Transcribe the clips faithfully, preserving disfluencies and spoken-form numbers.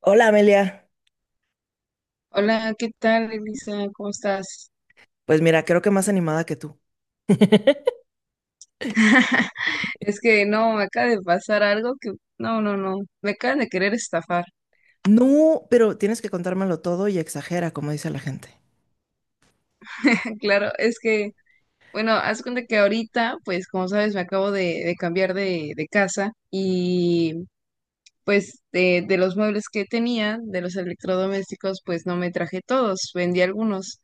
Hola Amelia. Hola, ¿qué tal, Elisa? ¿Cómo estás? Pues mira, creo que más animada que tú. Es que no, me acaba de pasar algo que, no, no, no, me acaban de querer estafar. No, pero tienes que contármelo todo y exagera, como dice la gente. Claro, es que, bueno, haz cuenta que ahorita, pues como sabes, me acabo de, de cambiar de, de casa y pues de, de los muebles que tenía, de los electrodomésticos, pues no me traje todos, vendí algunos.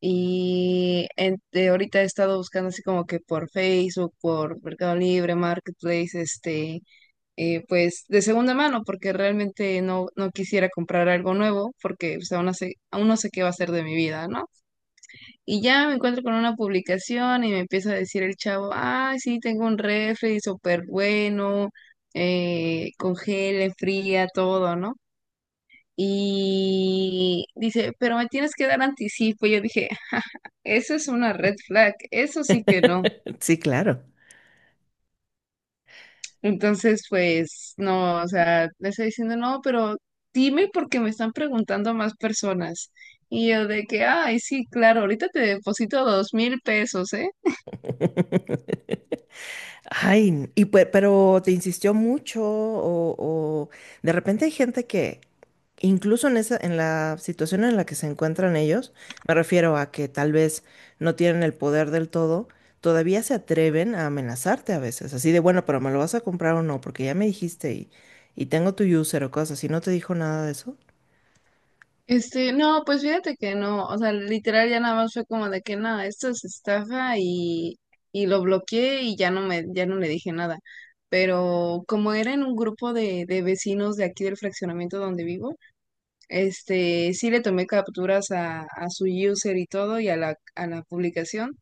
Y en- de ahorita he estado buscando así como que por Facebook, por Mercado Libre, Marketplace, este, eh, pues de segunda mano, porque realmente no, no quisiera comprar algo nuevo, porque pues, aún, no sé, aún no sé qué va a ser de mi vida, ¿no? Y ya me encuentro con una publicación y me empieza a decir el chavo, ah, sí, tengo un refri súper bueno, eh, congela, fría, todo, ¿no? Y dice, pero me tienes que dar anticipo. Y yo dije, eso es una red flag, eso sí que no. Sí, claro. Entonces, pues, no, o sea, le estoy diciendo, no, pero dime porque me están preguntando más personas. Y yo de que, ay, sí, claro, ahorita te deposito dos mil pesos, ¿eh? Ay, y pe- pero te insistió mucho o, o de repente hay gente que incluso en esa, en la situación en la que se encuentran ellos, me refiero a que tal vez no tienen el poder del todo, todavía se atreven a amenazarte a veces, así de bueno, pero me lo vas a comprar o no, porque ya me dijiste y, y tengo tu user o cosas, y no te dijo nada de eso. Este, no, pues fíjate que no, o sea, literal ya nada más fue como de que nada, esto es estafa y, y lo bloqueé y ya no me, ya no le dije nada. Pero como era en un grupo de, de vecinos de aquí del fraccionamiento donde vivo. Este, sí le tomé capturas a, a su user y todo y a la, a la publicación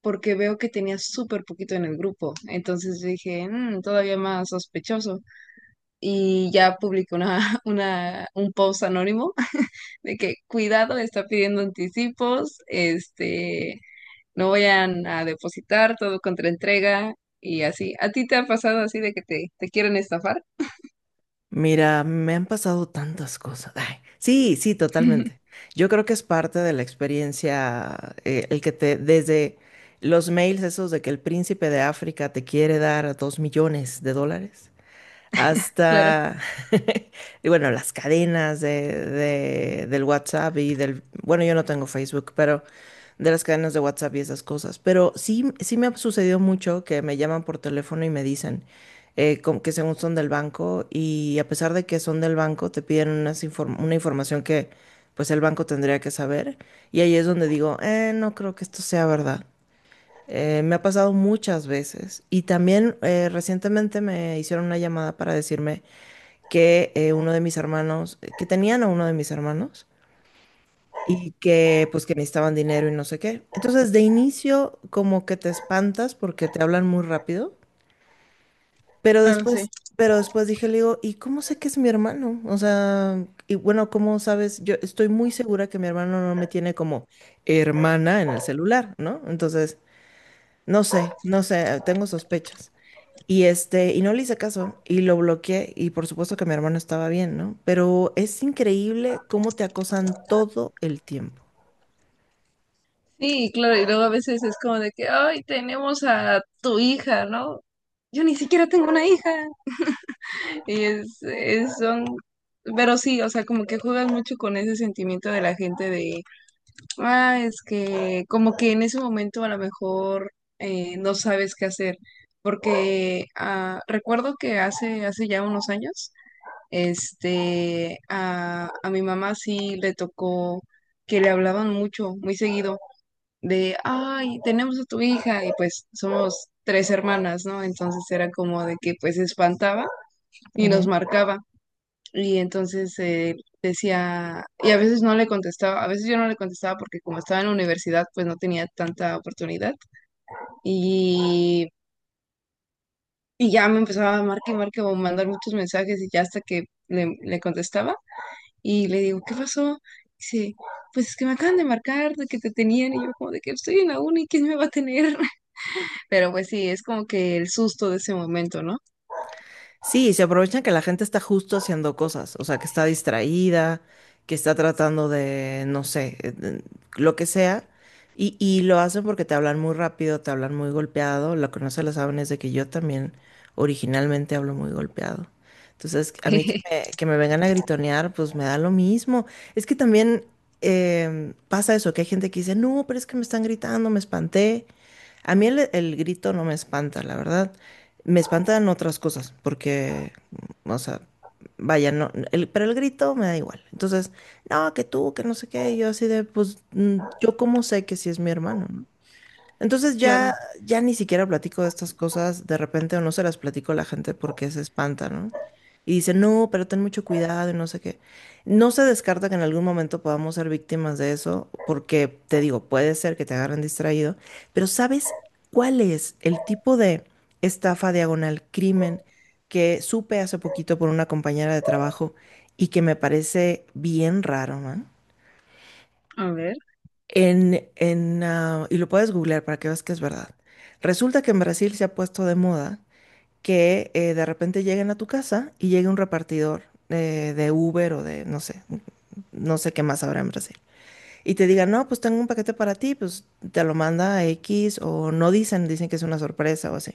porque veo que tenía súper poquito en el grupo. Entonces dije, "Mm, todavía más sospechoso." Y ya publiqué una, una, un post anónimo. De que cuidado, está pidiendo anticipos, este, no vayan a depositar todo contra entrega y así. ¿A ti te ha pasado así de que te, te quieren estafar? Mira, me han pasado tantas cosas. Ay, sí, sí, totalmente. Yo creo que es parte de la experiencia, eh, el que te, desde los mails esos de que el príncipe de África te quiere dar dos millones de dólares Claro. hasta, y bueno, las cadenas de, de- del WhatsApp y del, bueno, yo no tengo Facebook, pero de las cadenas de WhatsApp y esas cosas. Pero sí, sí me ha sucedido mucho que me llaman por teléfono y me dicen eh, com- que según son del banco y a pesar de que son del banco, te piden unas inform- una información que pues el banco tendría que saber. Y ahí es donde digo, eh, no creo que esto sea verdad. Eh, me ha pasado muchas veces y también eh, recientemente me hicieron una llamada para decirme que eh, uno de mis hermanos, que tenían a uno de mis hermanos y que pues que necesitaban dinero y no sé qué. Entonces de inicio como que te espantas porque te hablan muy rápido, pero Claro, sí. después, pero después dije, le digo, ¿y cómo sé que es mi hermano? O sea, y bueno, ¿cómo sabes? Yo estoy muy segura que mi hermano no me tiene como hermana en el celular, ¿no? Entonces, no sé, no sé, tengo sospechas. Y este, y no le hice caso y lo bloqueé y por supuesto que mi hermano estaba bien, ¿no? Pero es increíble cómo te acosan todo el tiempo. Sí, claro, y luego a veces es como de que, ay, tenemos a tu hija, ¿no? Yo ni siquiera tengo una hija. Y es, es- son, pero sí, o sea, como que juegas mucho con ese sentimiento de la gente de, ah, es que como que en ese momento a lo mejor eh, no sabes qué hacer, porque ah, recuerdo que hace, hace ya unos años, este, a, a mi mamá sí le tocó que le hablaban mucho, muy seguido de, ay, tenemos a tu hija y pues somos tres hermanas, ¿no? Entonces era como de que pues se espantaba y nos marcaba y entonces eh, decía, y a veces no le contestaba, a veces yo no le contestaba porque como estaba en la universidad pues no tenía tanta oportunidad y, y ya me empezaba a marcar y marcar o mandar muchos mensajes y ya hasta que le, le contestaba y le digo, ¿qué pasó? Dice, pues es que me acaban de marcar de que te tenían y yo como de que estoy en la uni, ¿quién me va a tener? Pero pues sí, es como que el susto de ese momento, ¿no? Sí, se aprovechan que la gente está justo haciendo cosas, o sea, que está distraída, que está tratando de, no sé, eh, de- lo que sea, y, y lo hacen porque te hablan muy rápido, te hablan muy golpeado, lo que no se lo saben es de que yo también originalmente hablo muy golpeado. Entonces, a mí que me, que me vengan a gritonear, pues me da lo mismo. Es que también em, pasa eso, que hay gente que dice, no, pero es que me están gritando, me espanté. A mí el, el grito no me espanta, la verdad. Me espantan otras cosas, porque, o sea, vaya, no, el- pero el grito me da igual. Entonces, no, que tú, que no sé qué, y yo así de, pues, mm, yo cómo sé que sí es mi hermano, ¿no? Entonces Claro, ya, ya ni siquiera platico de estas cosas de repente o no se las platico a la gente porque se espanta, ¿no? Y dice, no, pero ten mucho cuidado y no sé qué. No se descarta que en algún momento podamos ser víctimas de eso, porque te digo, puede ser que te agarren distraído, pero ¿sabes cuál es el tipo de estafa diagonal crimen que supe hace poquito por una compañera de trabajo y que me parece bien raro, man? a ver, En, en, ah, y lo puedes googlear para que veas que es verdad. Resulta que en Brasil se ha puesto de moda que eh, de repente lleguen a tu casa y llegue un repartidor eh, de Uber o de, no sé, no sé qué más habrá en Brasil. Y te digan, no, pues tengo un paquete para ti, pues te lo manda a X o no dicen, dicen que es una sorpresa o así.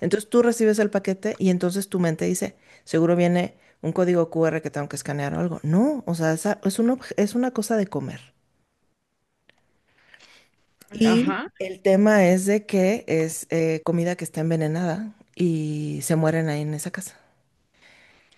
Entonces tú recibes el paquete y entonces tu mente dice, seguro viene un código Q R que tengo que escanear o algo. No, o sea, esa- es un obje- es una cosa de comer. Y ajá. el tema es de que es eh, comida que está envenenada y se mueren ahí en esa casa.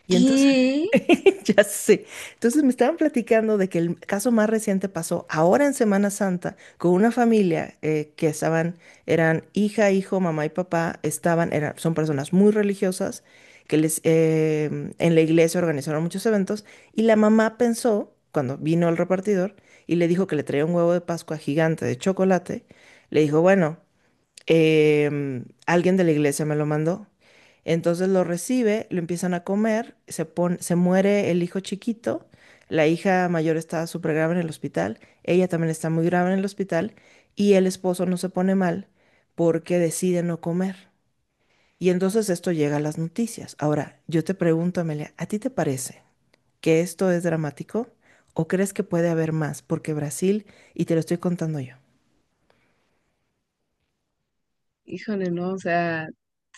Y entonces, ¿Qué? ya sé, entonces me estaban platicando de que el caso más reciente pasó ahora en Semana Santa con una familia eh, que estaban, eran hija, hijo, mamá y papá, estaban, eran, son personas muy religiosas que les, eh, en la iglesia organizaron muchos eventos y la mamá pensó, cuando vino el repartidor y le dijo que le traía un huevo de Pascua gigante de chocolate, le dijo, bueno, em, alguien de la iglesia me lo mandó. Entonces lo recibe, lo empiezan a comer, se pon- se muere el hijo chiquito, la hija mayor está súper grave en el hospital, ella también está muy grave en el hospital y el esposo no se pone mal porque decide no comer. Y entonces esto llega a las noticias. Ahora, yo te pregunto, Amelia, ¿a ti te parece que esto es dramático o crees que puede haber más? Porque Brasil, y te lo estoy contando yo. Híjole, no, o sea,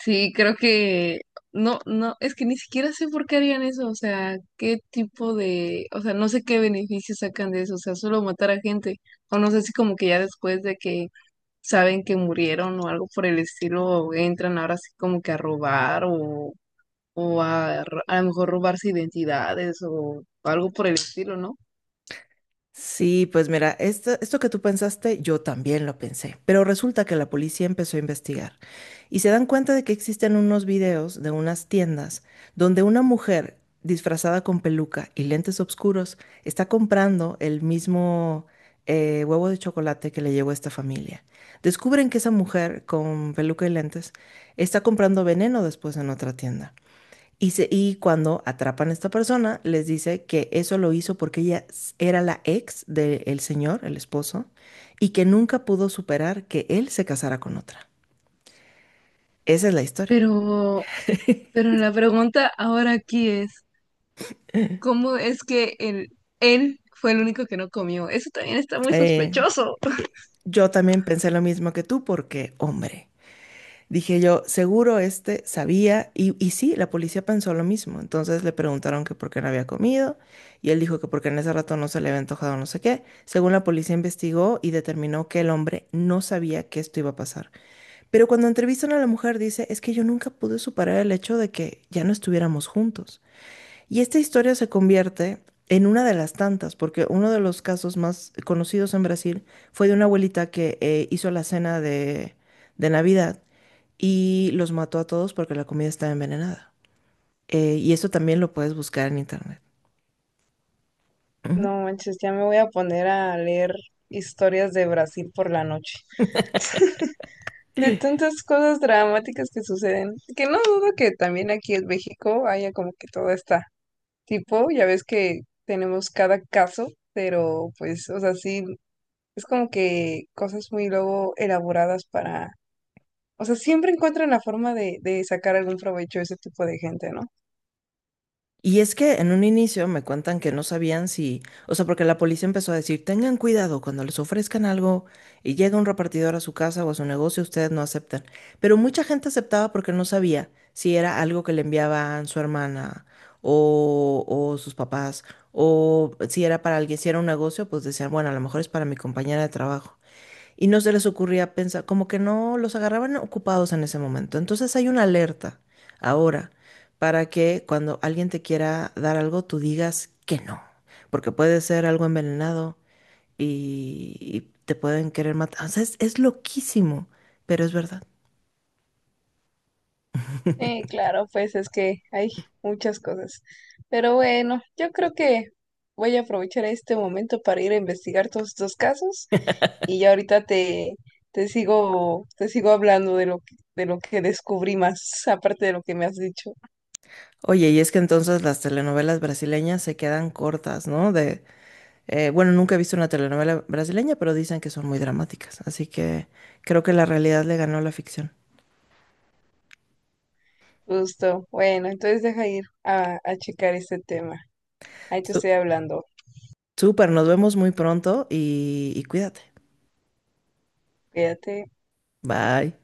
sí, creo que no, no, es que ni siquiera sé por qué harían eso, o sea, qué tipo de, o sea, no sé qué beneficios sacan de eso, o sea, solo matar a gente, o no sé si como que ya después de que saben que murieron o algo por el estilo, entran ahora sí como que a robar o, o a, r- a lo mejor robarse identidades o algo por el estilo, ¿no? Sí, pues mira, esto, esto que tú pensaste, yo también lo pensé, pero resulta que la policía empezó a investigar y se dan cuenta de que existen unos videos de unas tiendas donde una mujer disfrazada con peluca y lentes oscuros está comprando el mismo eh, huevo de chocolate que le llegó a esta familia. Descubren que esa mujer con peluca y lentes está comprando veneno después en otra tienda. Y, se- y cuando atrapan a esta persona, les dice que eso lo hizo porque ella s- era la ex del señor, el esposo, y que nunca pudo superar que él se casara con otra. Esa es la historia. Pero, pero la pregunta ahora aquí es, ¿cómo es que el, él fue el único que no comió? Eso también está muy Eh, sospechoso. eh, yo también pensé lo mismo que tú porque, hombre, dije yo, seguro este sabía, y, y sí, la policía pensó lo mismo. Entonces le preguntaron que por qué no había comido, y él dijo que porque en ese rato no se le había antojado no sé qué. Según la policía investigó y determinó que el hombre no sabía que esto iba a pasar. Pero cuando entrevistan a la mujer dice, es que yo nunca pude superar el hecho de que ya no estuviéramos juntos. Y esta historia se convierte en una de las tantas, porque uno de los casos más conocidos en Brasil fue de una abuelita que eh, hizo la cena de, de Navidad y los mató a todos porque la comida estaba envenenada. Eh, y eso también lo puedes buscar en internet. Ujú. No manches, ya me voy a poner a leer historias de Brasil por la noche. De tantas cosas dramáticas que suceden. Que no dudo que también aquí en México haya como que todo está tipo, ya ves que tenemos cada caso, pero pues, o sea, sí, es como que cosas muy luego elaboradas para. O sea, siempre encuentran la forma de, de sacar algún provecho a ese tipo de gente, ¿no? Y es que en un inicio me cuentan que no sabían si, o sea, porque la policía empezó a decir, tengan cuidado cuando les ofrezcan algo y llega un repartidor a su casa o a su negocio, ustedes no aceptan. Pero mucha gente aceptaba porque no sabía si era algo que le enviaban su hermana o, o sus papás, o si era para alguien, si era un negocio, pues decían, bueno, a lo mejor es para mi compañera de trabajo y no se les ocurría pensar, como que no los agarraban ocupados en ese momento. Entonces hay una alerta ahora para que cuando alguien te quiera dar algo, tú digas que no, porque puede ser algo envenenado y, y te pueden querer matar. O sea, es, es loquísimo, pero es verdad. Sí, claro, pues es que hay muchas cosas. Pero bueno, yo creo que voy a aprovechar este momento para ir a investigar todos estos casos y ya ahorita te, te sigo, te sigo hablando de lo, que- de lo que descubrí más, aparte de lo que me has dicho. Oye, y es que entonces las telenovelas brasileñas se quedan cortas, ¿no? De, eh, bueno, nunca he visto una telenovela brasileña, pero dicen que son muy dramáticas, así que creo que la realidad le ganó a la ficción. Justo. Bueno, entonces deja ir a, a checar este tema. Ahí te estoy hablando. Súper, nos vemos muy pronto y, y cuídate. Cuídate. Bye.